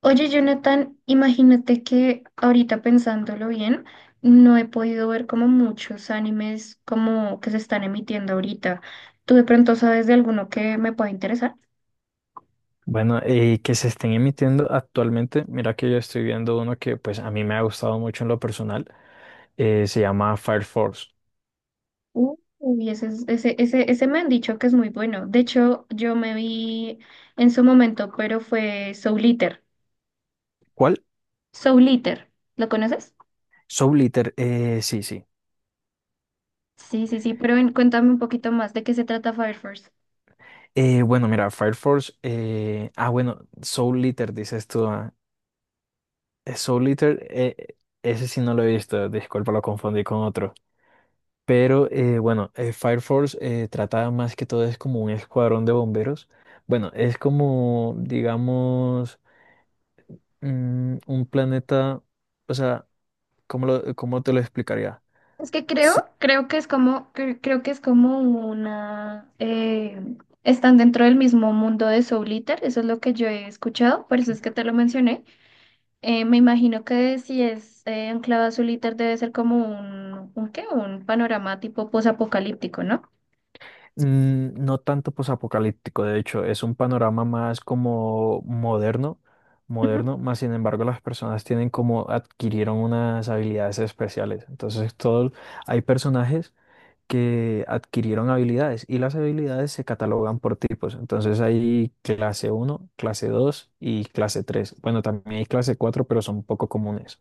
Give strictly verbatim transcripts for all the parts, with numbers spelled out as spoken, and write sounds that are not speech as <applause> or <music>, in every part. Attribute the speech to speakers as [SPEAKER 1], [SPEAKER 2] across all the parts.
[SPEAKER 1] Oye, Jonathan, imagínate que ahorita pensándolo bien, no he podido ver como muchos animes como que se están emitiendo ahorita. ¿Tú de pronto sabes de alguno que me pueda interesar?
[SPEAKER 2] Bueno, eh, que se estén emitiendo actualmente, mira que yo estoy viendo uno que pues a mí me ha gustado mucho en lo personal, eh, se llama Fire Force.
[SPEAKER 1] Uh, Uy, ese, es- ese, ese, ese me han dicho que es muy bueno. De hecho, yo me vi en su momento, pero fue Soul Eater.
[SPEAKER 2] ¿Cuál?
[SPEAKER 1] Soul Eater, ¿lo conoces?
[SPEAKER 2] Soul Eater, eh, sí, sí.
[SPEAKER 1] Sí, sí, sí, pero en- cuéntame un poquito más de qué se trata Fire Force.
[SPEAKER 2] Eh, bueno, mira, Fire Force, eh, ah, bueno, Soul Eater, dices tú, ah. Eh, Soul Eater, eh, ese sí no lo he visto, disculpa, lo confundí con otro. Pero eh, bueno, eh, Fire Force eh, trata más que todo, es como un escuadrón de bomberos. Bueno, es como, digamos, Mm, un planeta, o sea, ¿cómo lo- cómo te lo explicaría?
[SPEAKER 1] Es que
[SPEAKER 2] S-
[SPEAKER 1] creo, creo que es como, cre- creo que es como una, eh, están dentro del mismo mundo de Soul Eater, eso es lo que yo he escuchado, por eso es que te lo mencioné. Eh, me imagino que si es eh, anclado a Soul Eater debe ser como un, un qué, un panorama tipo posapocalíptico, ¿no?
[SPEAKER 2] mm, no tanto posapocalíptico, de hecho, es un panorama más como moderno,
[SPEAKER 1] Ujú.
[SPEAKER 2] moderno, más sin embargo las personas tienen como adquirieron unas habilidades especiales. Entonces, todo, hay personajes que adquirieron habilidades y las habilidades se catalogan por tipos. Entonces, hay clase uno, clase dos y clase tres. Bueno, también hay clase cuatro pero son poco comunes.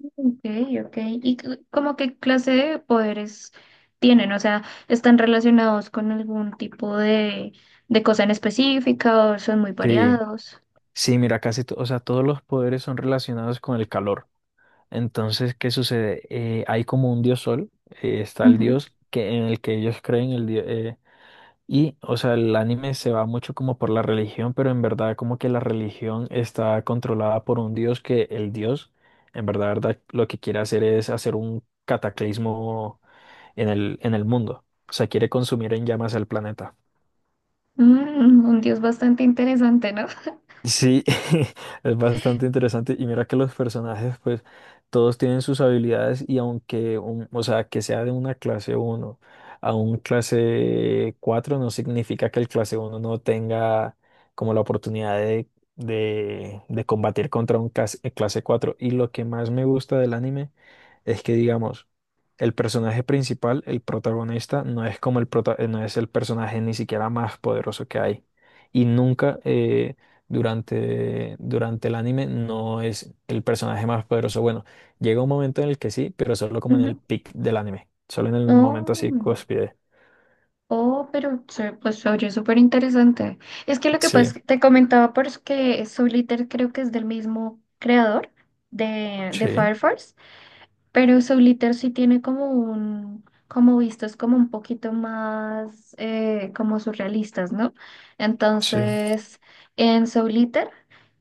[SPEAKER 1] Ok, ok. ¿Y c- como qué clase de poderes tienen? O sea, ¿están relacionados con algún tipo de, de cosa en específica o son muy
[SPEAKER 2] Sí,
[SPEAKER 1] variados?
[SPEAKER 2] sí, mira, casi, to- o sea, todos los poderes son relacionados con el calor. Entonces, ¿qué sucede? Eh, hay como un dios sol, eh, está el dios que, en el que ellos creen, el dios, y, o sea, el anime se va mucho como por la religión, pero en verdad como que la religión está controlada por un dios que el dios, en verdad, verdad, lo que quiere hacer es hacer un cataclismo en el, en el mundo. O sea, quiere consumir en llamas el planeta.
[SPEAKER 1] Mm, un dios bastante interesante, ¿no?
[SPEAKER 2] Sí, <laughs> es bastante interesante. Y mira que los personajes, pues, todos tienen sus habilidades y aunque, un- o sea, que sea de una clase uno a un clase cuatro no significa que el clase uno no tenga como la oportunidad de, de, de combatir contra un clase, eh, clase cuatro. Y lo que más me gusta del anime es que, digamos, el personaje principal, el protagonista, no es como el prota- eh, no es el personaje ni siquiera más poderoso que hay. Y nunca... eh, durante, durante el anime no es el personaje más poderoso. Bueno, llega un momento en el que sí, pero solo como en el
[SPEAKER 1] Ujú.
[SPEAKER 2] peak del anime, solo en el momento así
[SPEAKER 1] Oh,
[SPEAKER 2] cúspide.
[SPEAKER 1] oh, pero se- pues se oye súper interesante. Es que lo que pasa es
[SPEAKER 2] Sí,
[SPEAKER 1] que te comentaba por eso que Souliter creo que es del mismo creador de, de
[SPEAKER 2] sí,
[SPEAKER 1] Fire Force, pero Souliter sí tiene como un, como vistos como un poquito más eh, como surrealistas, ¿no?
[SPEAKER 2] sí,
[SPEAKER 1] Entonces, en Souliter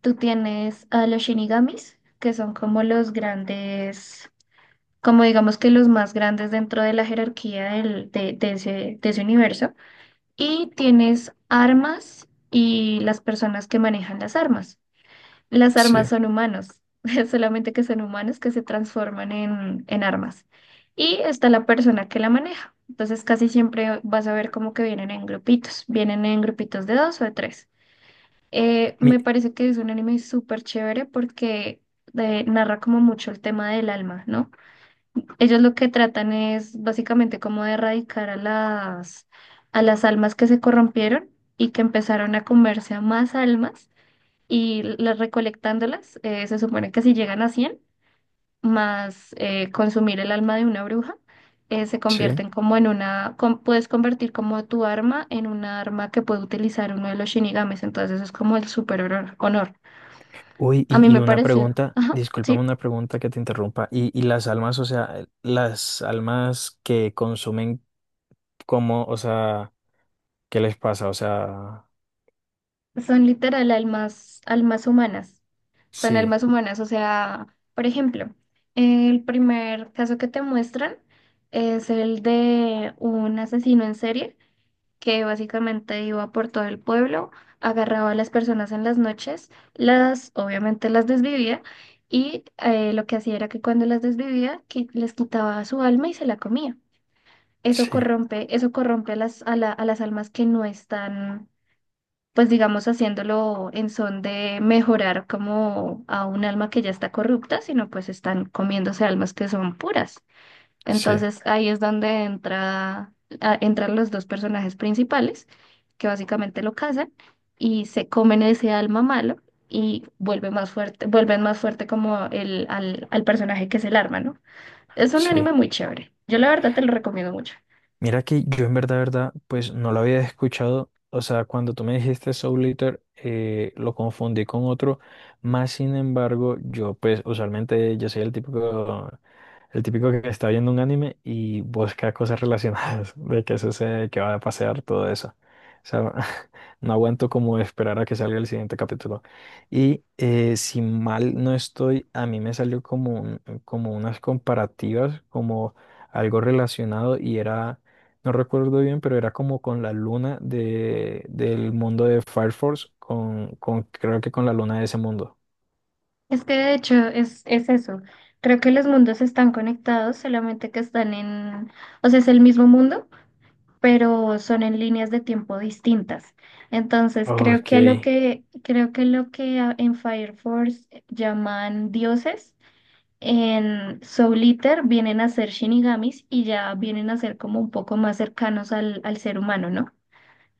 [SPEAKER 1] tú tienes a los Shinigamis, que son como los grandes como digamos que los más grandes dentro de la jerarquía del- de, de ese, de ese universo, y tienes armas y las personas que manejan las armas. Las
[SPEAKER 2] sí.
[SPEAKER 1] armas son humanos, <laughs> solamente que son humanos que se transforman en, en armas. Y está la persona que la maneja. Entonces casi siempre vas a ver como que vienen en grupitos, vienen en grupitos de dos o de tres. Eh,
[SPEAKER 2] Mi,
[SPEAKER 1] me parece que es un anime súper chévere porque eh, narra como mucho el tema del alma, ¿no? Ellos lo que tratan es básicamente como de erradicar a las, a las almas que se corrompieron y que empezaron a comerse a más almas y las recolectándolas, eh, se supone que si llegan a cien más eh, consumir el alma de una bruja, eh, se
[SPEAKER 2] sí.
[SPEAKER 1] convierten como en una, con- puedes convertir como tu arma en una arma que puede utilizar uno de los shinigames entonces eso es como el super honor honor.
[SPEAKER 2] Uy,
[SPEAKER 1] A mí
[SPEAKER 2] y, y
[SPEAKER 1] me
[SPEAKER 2] una
[SPEAKER 1] pareció,
[SPEAKER 2] pregunta,
[SPEAKER 1] ajá, sí.
[SPEAKER 2] discúlpame una pregunta que te interrumpa. Y, y las almas, o sea, las almas que consumen, ¿cómo, o sea, qué les pasa? O sea,
[SPEAKER 1] Son literal almas, almas humanas. Son
[SPEAKER 2] sí,
[SPEAKER 1] almas humanas. O sea, por ejemplo, el primer caso que te muestran es el de un asesino en serie que básicamente iba por todo el pueblo, agarraba a las personas en las noches, las, obviamente las desvivía y eh, lo que hacía era que cuando las desvivía, que les quitaba su alma y se la comía. Eso
[SPEAKER 2] sí,
[SPEAKER 1] corrompe, eso corrompe a las, a la- a las almas que no están pues digamos haciéndolo en son de mejorar como a un alma que ya está corrupta, sino pues están comiéndose almas que son puras.
[SPEAKER 2] sí,
[SPEAKER 1] Entonces ahí es donde entra, a- entran los dos personajes principales, que básicamente lo cazan y se comen ese alma malo y vuelve más fuerte, vuelven más fuerte como el, al, al personaje que es el arma, ¿no? Es un
[SPEAKER 2] sí.
[SPEAKER 1] anime muy chévere. Yo la verdad te lo recomiendo mucho.
[SPEAKER 2] Mira que yo en verdad, verdad, pues no lo había escuchado. O sea, cuando tú me dijiste Soul Eater, eh, lo confundí con otro. Más sin embargo, yo pues usualmente yo soy el típico, el típico que está viendo un anime y busca cosas relacionadas <laughs> de que sucede, que va a pasear, todo eso. O sea, <laughs> no aguanto como esperar a que salga el siguiente capítulo. Y eh, si mal no estoy, a mí me salió como, un- como unas comparativas, como algo relacionado y era, no recuerdo bien, pero era como con la luna de, del mundo de Fire Force, con, con, creo que con la luna de ese mundo.
[SPEAKER 1] Es que de hecho es, es eso. Creo que los mundos están conectados, solamente que están en, o sea, es el mismo mundo, pero son en líneas de tiempo distintas. Entonces, creo
[SPEAKER 2] Ok,
[SPEAKER 1] que a lo que, creo que lo que a- en Fire Force llaman dioses, en Soul Eater vienen a ser shinigamis y ya vienen a ser como un poco más cercanos al, al ser humano, ¿no?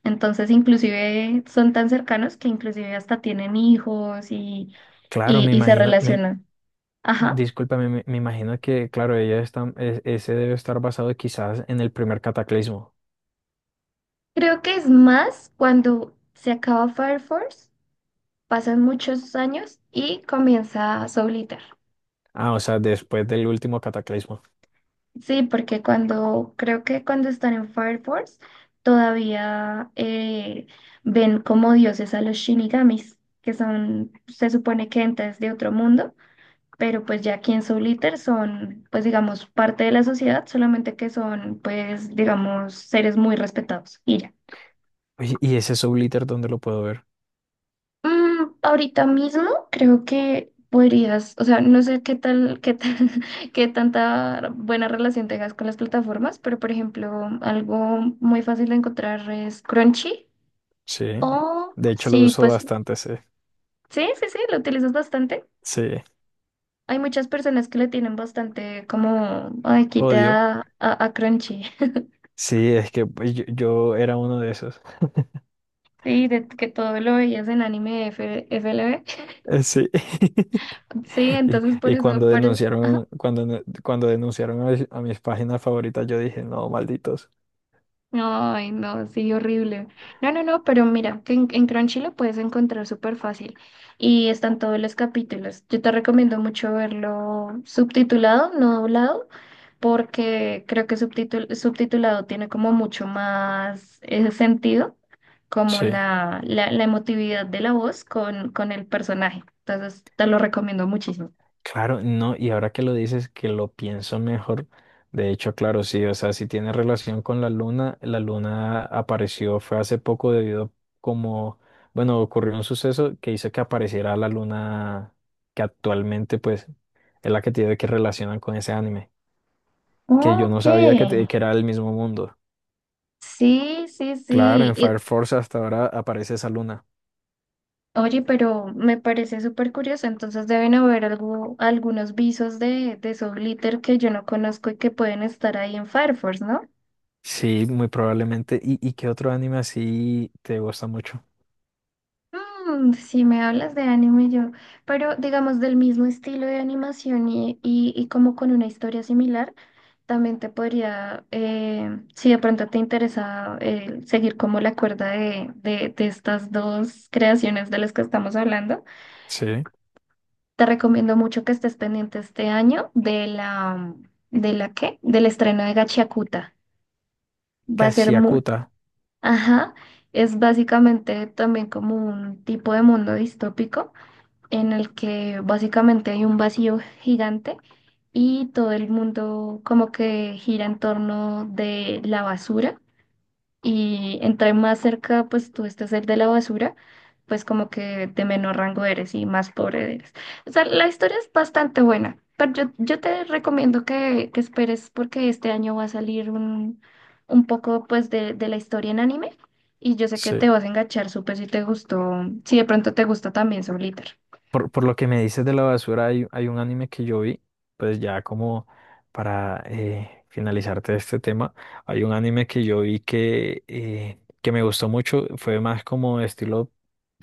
[SPEAKER 1] Entonces, inclusive son tan cercanos que inclusive hasta tienen hijos y,
[SPEAKER 2] claro,
[SPEAKER 1] y
[SPEAKER 2] me
[SPEAKER 1] y se
[SPEAKER 2] imagino, me,
[SPEAKER 1] relacionan. Ajá.
[SPEAKER 2] discúlpame, me, me imagino que, claro, ella está, e- ese debe estar basado quizás en el primer cataclismo.
[SPEAKER 1] Creo que es más cuando se acaba Fire Force, pasan muchos años y comienza Soul Eater.
[SPEAKER 2] Ah, o sea, después del último cataclismo.
[SPEAKER 1] Sí, porque cuando, creo que cuando están en Fire Force, todavía eh, ven como dioses a los Shinigamis, que son, se supone que entes de otro mundo, pero pues ya aquí en Soul Eater son, pues digamos, parte de la sociedad, solamente que son, pues digamos, seres muy respetados y ya.
[SPEAKER 2] Oye, ¿y ese Soul Eater dónde lo puedo ver?
[SPEAKER 1] Mm, ahorita mismo creo que podrías, o sea, no sé qué tal, qué tal, <laughs> qué tanta buena relación tengas con las plataformas, pero por ejemplo, algo muy fácil de encontrar es Crunchy
[SPEAKER 2] Sí,
[SPEAKER 1] o
[SPEAKER 2] de hecho lo
[SPEAKER 1] sí,
[SPEAKER 2] uso
[SPEAKER 1] pues sí,
[SPEAKER 2] bastante, sí.
[SPEAKER 1] sí, sí, lo utilizas bastante.
[SPEAKER 2] Sí,
[SPEAKER 1] Hay muchas personas que le tienen bastante como, ay, quité
[SPEAKER 2] odio.
[SPEAKER 1] a, a, a Crunchy. <laughs>
[SPEAKER 2] Sí, es que pues, yo, yo era uno de esos.
[SPEAKER 1] Sí, de que todo lo veías en anime F- FLV.
[SPEAKER 2] Eh, Sí. <laughs>
[SPEAKER 1] <laughs> Sí,
[SPEAKER 2] Y,
[SPEAKER 1] entonces por
[SPEAKER 2] y
[SPEAKER 1] eso,
[SPEAKER 2] cuando
[SPEAKER 1] por eso.
[SPEAKER 2] denunciaron, cuando, no- cuando denunciaron a, mis a mis páginas favoritas, yo dije, no, malditos.
[SPEAKER 1] Ay, no, sí, horrible. No, no, no, pero mira, que en, en Crunchy lo puedes encontrar súper fácil y están todos los capítulos. Yo te recomiendo mucho verlo subtitulado, no doblado, porque creo que subtitul- subtitulado tiene como mucho más ese sentido, como
[SPEAKER 2] Sí,
[SPEAKER 1] la, la, la emotividad de la voz con, con el personaje. Entonces, te lo recomiendo muchísimo.
[SPEAKER 2] claro, no, y ahora que lo dices, que lo pienso mejor. De hecho, claro, sí, o sea, si tiene relación con la luna, la luna apareció, fue hace poco debido como, bueno, ocurrió un suceso que hizo que apareciera la luna que actualmente, pues, es la que tiene que relacionan con ese anime, que yo no
[SPEAKER 1] Ok.
[SPEAKER 2] sabía que, te- que era el mismo mundo.
[SPEAKER 1] Sí, sí,
[SPEAKER 2] Claro,
[SPEAKER 1] sí.
[SPEAKER 2] en Fire Force hasta ahora aparece esa luna.
[SPEAKER 1] Oye, pero me parece súper curioso, entonces deben haber algo, algunos visos de, de Soul Glitter que yo no conozco y que pueden estar ahí en Fire Force, ¿no?
[SPEAKER 2] Sí, muy probablemente. ¿Y, y qué otro anime así te gusta mucho?
[SPEAKER 1] Mm, si me hablas de anime yo, pero digamos del mismo estilo de animación y, y, y como con una historia similar, también te podría, eh, si de pronto te interesa eh, seguir como la cuerda de, de, de estas dos creaciones de las que estamos hablando.
[SPEAKER 2] Sí.
[SPEAKER 1] Te recomiendo mucho que estés pendiente este año de la, ¿de la qué? Del estreno de Gachiakuta. Va a ser muy,
[SPEAKER 2] Kashiakuta.
[SPEAKER 1] ajá, es básicamente también como un tipo de mundo distópico en el que básicamente hay un vacío gigante y todo el mundo como que gira en torno de la basura y entre más cerca pues tú estés el de la basura, pues como que de menor rango eres y más pobre eres. O sea, la historia es bastante buena, pero yo, yo te recomiendo que, que esperes porque este año va a salir un, un poco pues de, de la historia en anime y yo sé que
[SPEAKER 2] Sí.
[SPEAKER 1] te vas a enganchar súper si te gustó, si de pronto te gusta también Soul Eater.
[SPEAKER 2] Por, por lo que me dices de la basura, hay, hay un anime que yo vi, pues ya como para eh, finalizarte este tema, hay un anime que yo vi que, eh, que me gustó mucho, fue más como estilo,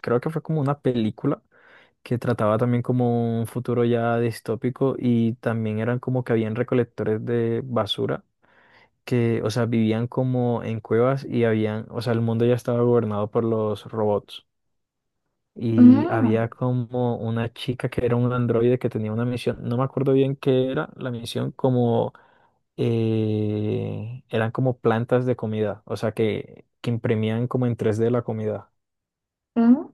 [SPEAKER 2] creo que fue como una película que trataba también como un futuro ya distópico y también eran como que habían recolectores de basura que, o sea, vivían como en cuevas y habían, o sea, el mundo ya estaba gobernado por los robots y
[SPEAKER 1] Mm.
[SPEAKER 2] había como una chica que era un androide que tenía una misión, no me acuerdo bien qué era la misión, como eh, eran como plantas de comida, o sea que, que imprimían como en tres de la comida.
[SPEAKER 1] Mm,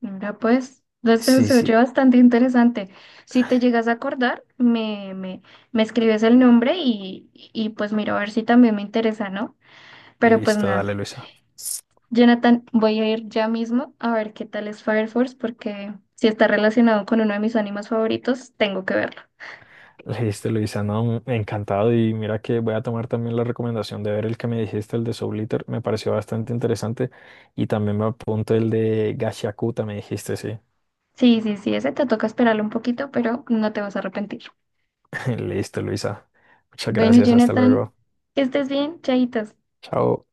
[SPEAKER 1] mira, pues, no sé,
[SPEAKER 2] Sí,
[SPEAKER 1] se oye
[SPEAKER 2] sí,
[SPEAKER 1] bastante interesante. Si te llegas a acordar, me, me, me escribes el nombre y, y pues miro a ver si también me interesa, ¿no? Pero pues
[SPEAKER 2] listo, dale
[SPEAKER 1] nada,
[SPEAKER 2] Luisa.
[SPEAKER 1] Jonathan, voy a ir ya mismo a ver qué tal es Fire Force, porque si está relacionado con uno de mis animes favoritos, tengo que verlo.
[SPEAKER 2] Listo, Luisa, no, encantado y mira que voy a tomar también la recomendación de ver el que me dijiste, el de Soul Eater me pareció bastante interesante y también me apunto el de Gashiakuta, me dijiste, sí.
[SPEAKER 1] Sí, sí, sí, ese te toca esperarlo un poquito, pero no te vas a arrepentir.
[SPEAKER 2] <laughs> Listo, Luisa. Muchas
[SPEAKER 1] Bueno,
[SPEAKER 2] gracias, hasta
[SPEAKER 1] Jonathan,
[SPEAKER 2] luego.
[SPEAKER 1] que estés bien, chaitos.
[SPEAKER 2] Chao.